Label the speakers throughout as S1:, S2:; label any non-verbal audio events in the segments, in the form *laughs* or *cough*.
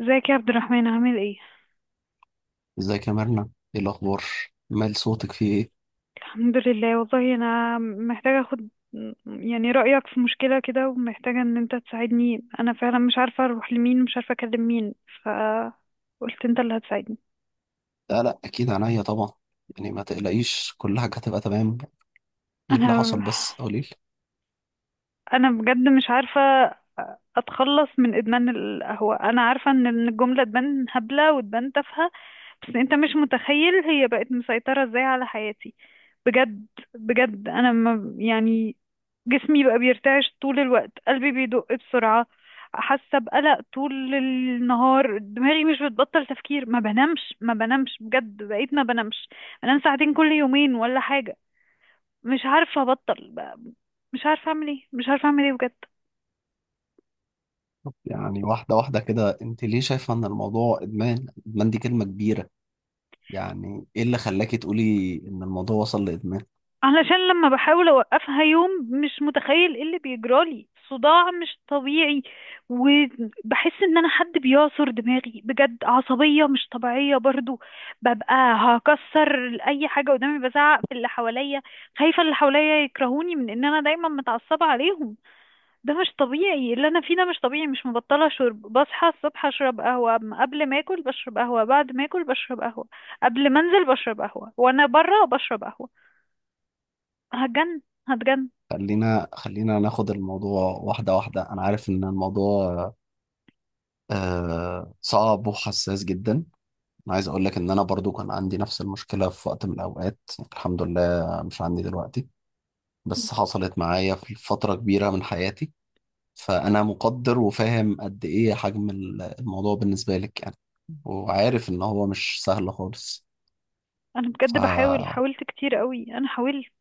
S1: ازيك يا عبد الرحمن، عامل ايه؟
S2: ازيك يا مرنة؟ ايه الاخبار؟ مال صوتك، فيه ايه؟
S1: الحمد لله. والله انا محتاجه اخد يعني رايك في مشكله كده، ومحتاجه ان انت تساعدني. انا فعلا مش عارفه اروح لمين ومش عارفه اكلم مين، فقلت انت اللي هتساعدني.
S2: لا، لا، اكيد عينيا طبعا. يعني ما تقلقيش، كل حاجه هتبقى تمام. ايه اللي
S1: انا
S2: حصل بس؟ قولي لي.
S1: انا بجد مش عارفه اتخلص من ادمان القهوه. انا عارفه إن الجمله تبان هبله وتبان تافهه، بس انت مش متخيل هي بقت مسيطره ازاي على حياتي، بجد. بجد انا ما يعني، جسمي بقى بيرتعش طول الوقت، قلبي بيدق بسرعة، حاسة بقلق طول النهار، دماغي مش بتبطل تفكير، ما بنامش ما بنامش، بجد بقيت ما بنامش. بنام ساعتين كل يومين ولا حاجة. مش عارفة أبطل بقى. مش عارفة أعمل ايه، مش عارفة أعمل ايه بجد.
S2: يعني واحده واحده كده، انت ليه شايفه ان الموضوع ادمان؟ ادمان دي كلمه كبيره. يعني ايه اللي خلاكي تقولي ان الموضوع وصل لادمان؟
S1: علشان لما بحاول اوقفها يوم، مش متخيل ايه اللي بيجرالي، صداع مش طبيعي، وبحس ان انا حد بيعصر دماغي، بجد عصبية مش طبيعية برضو، ببقى هكسر اي حاجة قدامي، بزعق في اللي حواليا. خايفة اللي حواليا يكرهوني من ان انا دايما متعصبة عليهم. ده مش طبيعي اللي انا فيه، ده مش طبيعي. مش مبطلة شرب، بصحى الصبح اشرب قهوة، قبل ما اكل بشرب قهوة، بعد ما اكل بشرب قهوة، قبل ما انزل بشرب قهوة، وانا بره بشرب قهوة. هتجن، هتجن.
S2: خلينا ناخد الموضوع واحده واحده. انا عارف ان الموضوع آه صعب وحساس جدا. انا عايز اقول لك ان انا برضو كان عندي نفس المشكله في وقت من الاوقات. الحمد لله مش عندي دلوقتي، بس حصلت معايا في فترة كبيرة من حياتي. فأنا مقدر وفاهم قد إيه حجم الموضوع بالنسبة لك يعني، وعارف إن هو مش سهل خالص.
S1: انا بجد بحاول،
S2: فخلينا
S1: حاولت كتير قوي، انا حاولت.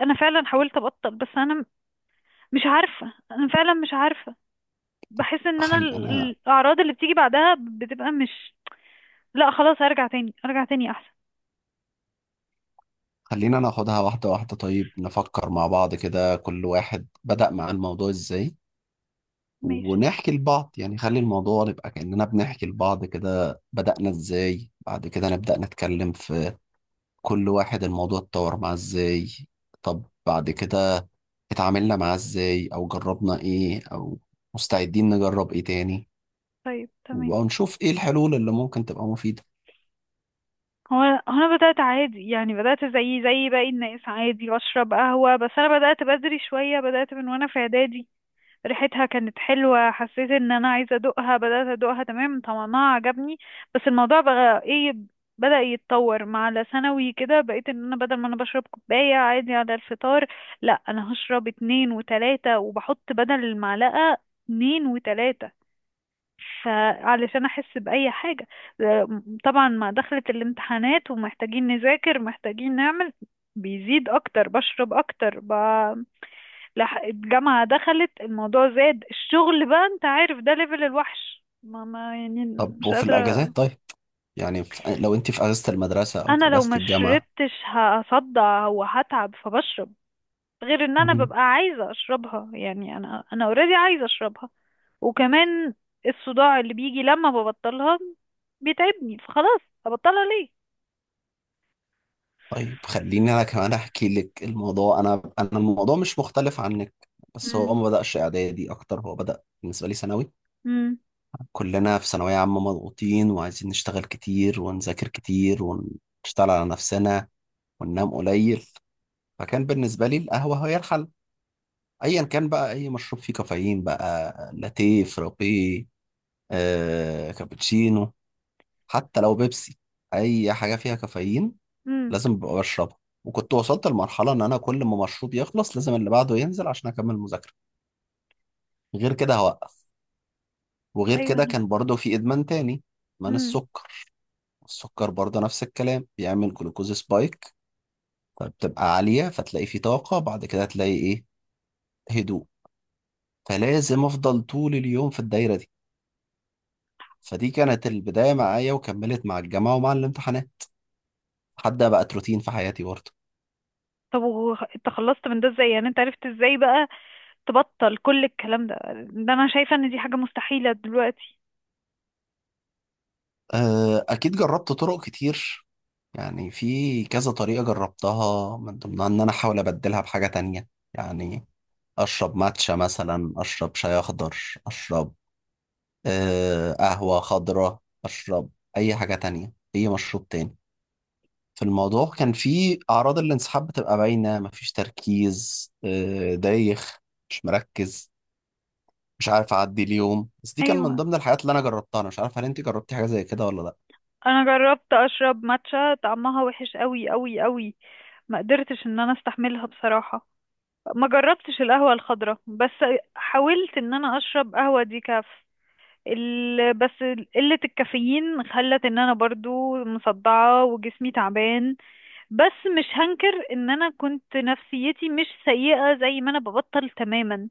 S1: انا فعلا حاولت ابطل، بس انا مش عارفة، انا فعلا مش عارفة. بحس ان انا الاعراض اللي بتيجي بعدها بتبقى مش، لا خلاص هرجع تاني، ارجع تاني احسن.
S2: خلينا ناخدها واحدة واحدة. طيب، نفكر مع بعض كده، كل واحد بدأ مع الموضوع إزاي،
S1: ماشي.
S2: ونحكي لبعض. يعني خلي الموضوع يبقى كأننا بنحكي لبعض كده. بدأنا إزاي، بعد كده نبدأ نتكلم في كل واحد الموضوع اتطور معاه إزاي. طب بعد كده اتعاملنا معاه ازاي، او جربنا ايه، او مستعدين نجرب ايه تاني،
S1: طيب تمام.
S2: ونشوف ايه الحلول اللي ممكن تبقى مفيدة.
S1: هو انا بدأت عادي، يعني بدأت زي باقي الناس، عادي بشرب قهوة، بس انا بدأت بدري شوية، بدأت من وانا في اعدادي. ريحتها كانت حلوة، حسيت ان انا عايزة ادوقها، بدأت ادوقها، تمام، طعمها عجبني. بس الموضوع بقى ايه، بدأ يتطور مع على ثانوي كده، بقيت ان انا بدل ما انا بشرب كوباية عادي على الفطار، لا انا هشرب اتنين وتلاتة، وبحط بدل المعلقة اتنين وتلاتة، فعلشان احس بأي حاجة. آه، طبعا مع دخلة الامتحانات ومحتاجين نذاكر محتاجين نعمل، بيزيد اكتر، بشرب اكتر الجامعة دخلت، الموضوع زاد، الشغل بقى انت عارف، ده ليفل الوحش، ما يعني.
S2: طب
S1: مش
S2: وفي
S1: قادرة.
S2: الاجازات؟ طيب، يعني في، لو انت في اجازة المدرسة او في
S1: انا لو
S2: اجازة
S1: ما
S2: الجامعة.
S1: شربتش هصدع وهتعب، فبشرب. غير ان انا
S2: مم.
S1: ببقى عايزة اشربها، يعني انا اوريدي عايزة اشربها. وكمان الصداع اللي بيجي لما ببطلها بيتعبني، فخلاص ابطلها ليه؟
S2: طيب، خليني انا كمان احكي لك الموضوع. انا الموضوع مش مختلف عنك، بس هو
S1: مم.
S2: ما بدأش اعدادي اكتر، هو بدأ بالنسبة لي ثانوي.
S1: مم.
S2: كلنا في ثانوية عامة مضغوطين، وعايزين نشتغل كتير ونذاكر كتير ونشتغل على نفسنا وننام قليل. فكان بالنسبة لي القهوة هي الحل، ايا كان بقى اي مشروب فيه كافيين، بقى لاتيه، فرابيه، كابتشينو، حتى لو بيبسي، اي حاجه فيها كافيين
S1: مم.
S2: لازم ببقى بشربها. وكنت وصلت لمرحله ان انا كل ما مشروب يخلص لازم اللي بعده ينزل عشان اكمل مذاكره، غير كده هوقف. وغير
S1: ايوه
S2: كده
S1: انا.
S2: كان برضه في ادمان تاني، ادمان
S1: مم.
S2: السكر. السكر برضه نفس الكلام، بيعمل جلوكوز سبايك، فبتبقى عاليه فتلاقي في طاقه، بعد كده تلاقي ايه؟ هدوء. فلازم افضل طول اليوم في الدايره دي. فدي كانت البداية معايا، وكملت مع الجامعة ومع الامتحانات، لحد ما بقت روتين في حياتي برضه.
S1: طب انت خلصت من ده ازاي؟ يعني انت عرفت ازاي بقى تبطل كل الكلام ده؟ ده انا شايفة ان دي حاجة مستحيلة دلوقتي.
S2: أكيد جربت طرق كتير. يعني في كذا طريقة جربتها، من ضمنها إن أنا أحاول أبدلها بحاجة تانية. يعني أشرب ماتشا مثلا، أشرب شاي أخضر، أشرب قهوة خضراء، أشرب أي حاجة تانية، أي مشروب تاني. في الموضوع كان في أعراض الانسحاب بتبقى باينة، مفيش تركيز، دايخ، مش مركز، مش عارف اعدي اليوم. بس دي كان من
S1: ايوه،
S2: ضمن الحاجات اللي انا جربتها. انا مش عارف هل انت جربتي حاجه زي كده ولا لا؟
S1: انا جربت اشرب ماتشا، طعمها وحش قوي قوي قوي، ما قدرتش ان انا استحملها بصراحة. ما جربتش القهوة الخضراء، بس حاولت ان انا اشرب قهوة ديكاف بس قلة الكافيين خلت ان انا برضو مصدعة وجسمي تعبان. بس مش هنكر ان انا كنت نفسيتي مش سيئة زي ما انا ببطل تماما.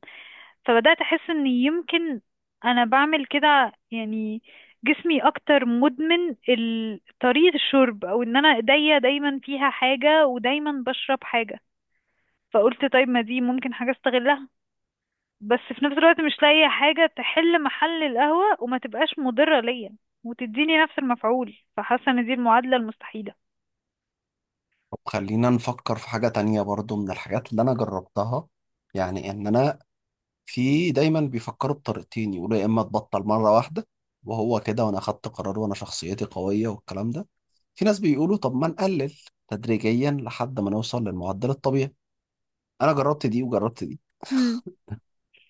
S1: فبدأت أحس إن يمكن أنا بعمل كده، يعني جسمي أكتر مدمن طريقة الشرب، أو إن أنا إيديا دايما فيها حاجة ودايما بشرب حاجة. فقلت طيب، ما دي ممكن حاجة استغلها، بس في نفس الوقت مش لاقية حاجة تحل محل القهوة وما تبقاش مضرة ليا وتديني نفس المفعول. فحاسة إن دي المعادلة المستحيلة.
S2: طب خلينا نفكر في حاجه تانية برضو، من الحاجات اللي انا جربتها، يعني ان انا، في دايما بيفكروا بطريقتين. يقولوا يا اما تبطل مره واحده وهو كده، وانا اخدت قرار وانا شخصيتي قويه والكلام ده. في ناس بيقولوا طب ما نقلل تدريجيا لحد ما نوصل للمعدل الطبيعي. انا جربت دي وجربت دي.
S1: مم.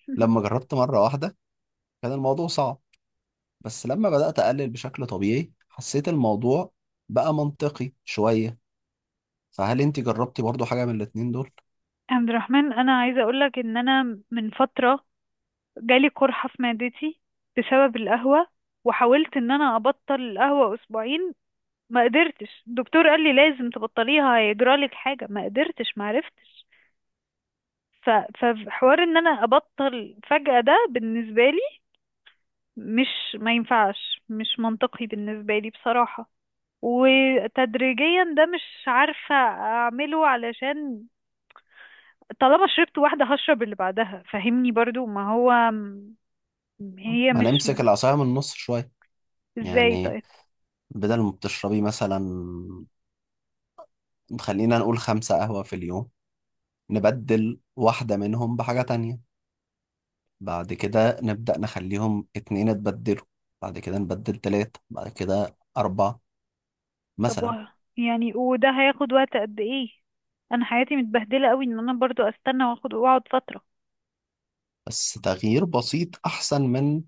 S1: *laughs*
S2: لما جربت مره واحده كان الموضوع صعب، بس لما بدأت أقلل بشكل طبيعي حسيت الموضوع بقى منطقي شوية. فهل أنت جربتي برضو حاجة من الاتنين دول؟
S1: عبد الرحمن، أنا عايزة أقولك إن أنا من فترة جالي قرحة في معدتي بسبب القهوة، وحاولت ان انا ابطل القهوة اسبوعين، ما قدرتش. الدكتور قال لي لازم تبطليها هيجرالك حاجة، ما قدرتش، ما عرفتش. فحوار ان انا ابطل فجأة ده بالنسبة لي مش، ما ينفعش، مش منطقي بالنسبة لي بصراحة. وتدريجيا ده مش عارفة اعمله، علشان طالما شربت واحدة هشرب اللي بعدها، فهمني برضو، ما هو هي
S2: ما
S1: مش.
S2: نمسك العصاية من النص شوية.
S1: ازاي
S2: يعني
S1: طيب؟
S2: بدل ما بتشربي مثلا، خلينا نقول خمسة قهوة في اليوم، نبدل واحدة منهم بحاجة تانية، بعد كده نبدأ نخليهم اتنين اتبدلوا، بعد كده نبدل تلاتة، بعد كده أربعة،
S1: طب
S2: مثلا.
S1: يعني وده هياخد وقت قد ايه؟ انا حياتي متبهدله قوي، ان انا برضو استنى واخد واقعد فتره.
S2: بس تغيير بسيط أحسن من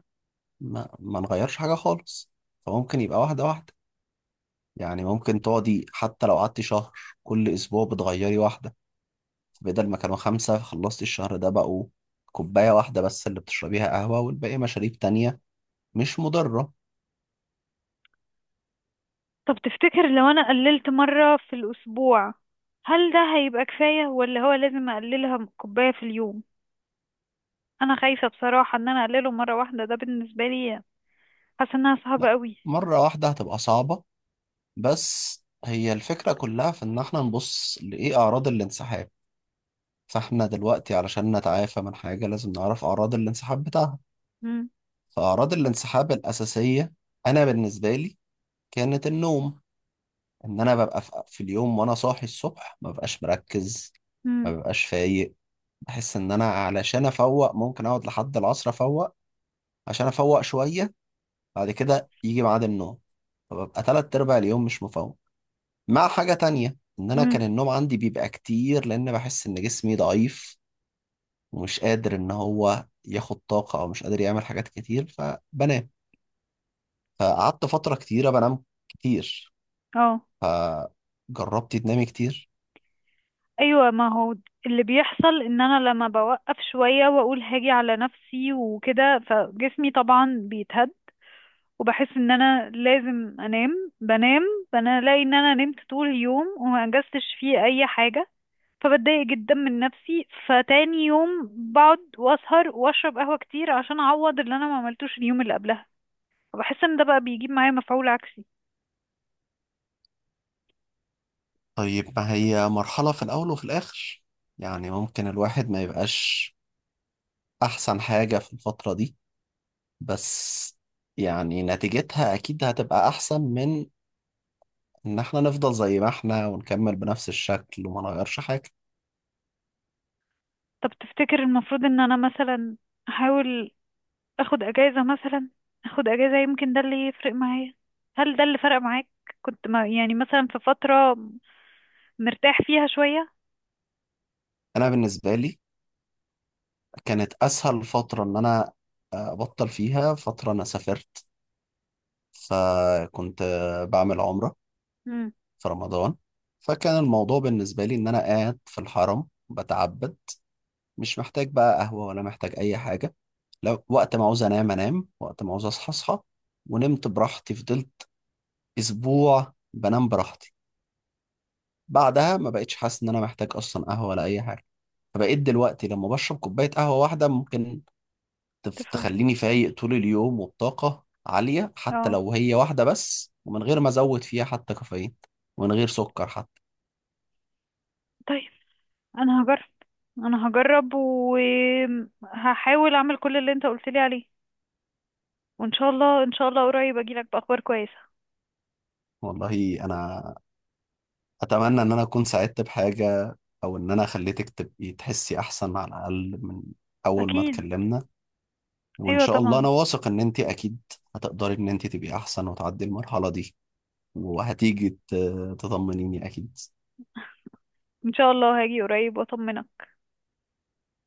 S2: ما نغيرش حاجة خالص. فممكن يبقى واحدة واحدة، يعني ممكن تقعدي حتى لو قعدتي شهر، كل اسبوع بتغيري واحده. بدل ما كانوا خمسه، خلصتي الشهر ده بقوا كوبايه واحده بس اللي بتشربيها قهوه، والباقي مشاريب تانية مش مضره.
S1: طب تفتكر لو انا قللت مره في الاسبوع، هل ده هيبقى كفايه، ولا هو لازم اقللها كوبايه في اليوم؟ انا خايفه بصراحه، ان انا اقلله مره واحده ده بالنسبه لي، حاسه انها صعبه
S2: لا،
S1: قوي.
S2: مره واحده هتبقى صعبه، بس هي الفكره كلها في ان احنا نبص لايه اعراض الانسحاب. فاحنا دلوقتي علشان نتعافى من حاجه لازم نعرف اعراض الانسحاب بتاعها.
S1: امم.
S2: فاعراض الانسحاب الاساسيه، انا بالنسبه لي، كانت النوم. ان انا ببقى في اليوم وانا صاحي الصبح ما ببقاش مركز، ما
S1: امم.
S2: ببقاش فايق. بحس ان انا علشان افوق ممكن اقعد لحد العصر افوق، عشان افوق شوية، بعد كده يجي ميعاد النوم، فببقى تلات ارباع اليوم مش مفوق. مع حاجة تانية، ان انا
S1: امم.
S2: كان النوم عندي بيبقى كتير، لان بحس ان جسمي ضعيف ومش قادر ان هو ياخد طاقة، او مش قادر يعمل حاجات كتير، فبنام. فقعدت فترة كتيرة بنام كتير.
S1: اه.
S2: فجربتي تنامي كتير؟
S1: ايوه، ما هو اللي بيحصل ان انا لما بوقف شويه واقول هاجي على نفسي وكده، فجسمي طبعا بيتهد، وبحس ان انا لازم انام، بنام. فانا الاقي ان انا نمت طول اليوم وما انجزتش فيه اي حاجه، فبتضايق جدا من نفسي. فتاني يوم بقعد واسهر واشرب قهوه كتير عشان اعوض اللي انا ما عملتوش اليوم اللي قبلها، فبحس ان ده بقى بيجيب معايا مفعول عكسي.
S2: طيب، ما هي مرحلة، في الأول وفي الآخر. يعني ممكن الواحد ما يبقاش أحسن حاجة في الفترة دي، بس يعني نتيجتها أكيد هتبقى أحسن من إن إحنا نفضل زي ما إحنا ونكمل بنفس الشكل وما نغيرش حاجة.
S1: طب تفتكر المفروض ان انا مثلا احاول اخد اجازه مثلا؟ اخد اجازه يمكن ده اللي يفرق معايا، هل ده اللي فرق معاك؟ كنت ما يعني مثلا في فتره مرتاح فيها شويه.
S2: أنا بالنسبة لي كانت أسهل فترة إن أنا أبطل فيها، فترة أنا سافرت، فكنت بعمل عمرة
S1: امم.
S2: في رمضان. فكان الموضوع بالنسبة لي إن أنا قاعد في الحرم بتعبد، مش محتاج بقى قهوة ولا محتاج أي حاجة. لو وقت ما عاوز أنام أنام، وقت ما عاوز أصحى أصحى. ونمت براحتي، فضلت أسبوع بنام براحتي، بعدها ما بقتش حاسس إن أنا محتاج أصلا قهوة ولا أي حاجة. فبقيت دلوقتي لما بشرب كوباية قهوة واحدة ممكن
S1: تفهم.
S2: تخليني فايق طول اليوم وبطاقة عالية، حتى
S1: اه.
S2: لو هي واحدة بس، ومن غير ما أزود فيها حتى كافيين، ومن غير سكر حتى.
S1: طيب، انا هجرب، انا هجرب وهحاول اعمل كل اللي انت قلت لي عليه، وان شاء الله ان شاء الله قريب اجي لك باخبار كويسة.
S2: والله أنا اتمنى ان انا اكون ساعدت بحاجه، او ان انا خليتك تبقي تحسي احسن على الاقل من اول ما
S1: اكيد.
S2: اتكلمنا. وان
S1: ايوه
S2: شاء الله، انا
S1: طبعا.
S2: واثق ان انت اكيد هتقدري ان انت تبقي احسن وتعدي المرحله دي، وهتيجي تطمنيني اكيد.
S1: ان شاء الله هاجي قريب واطمنك.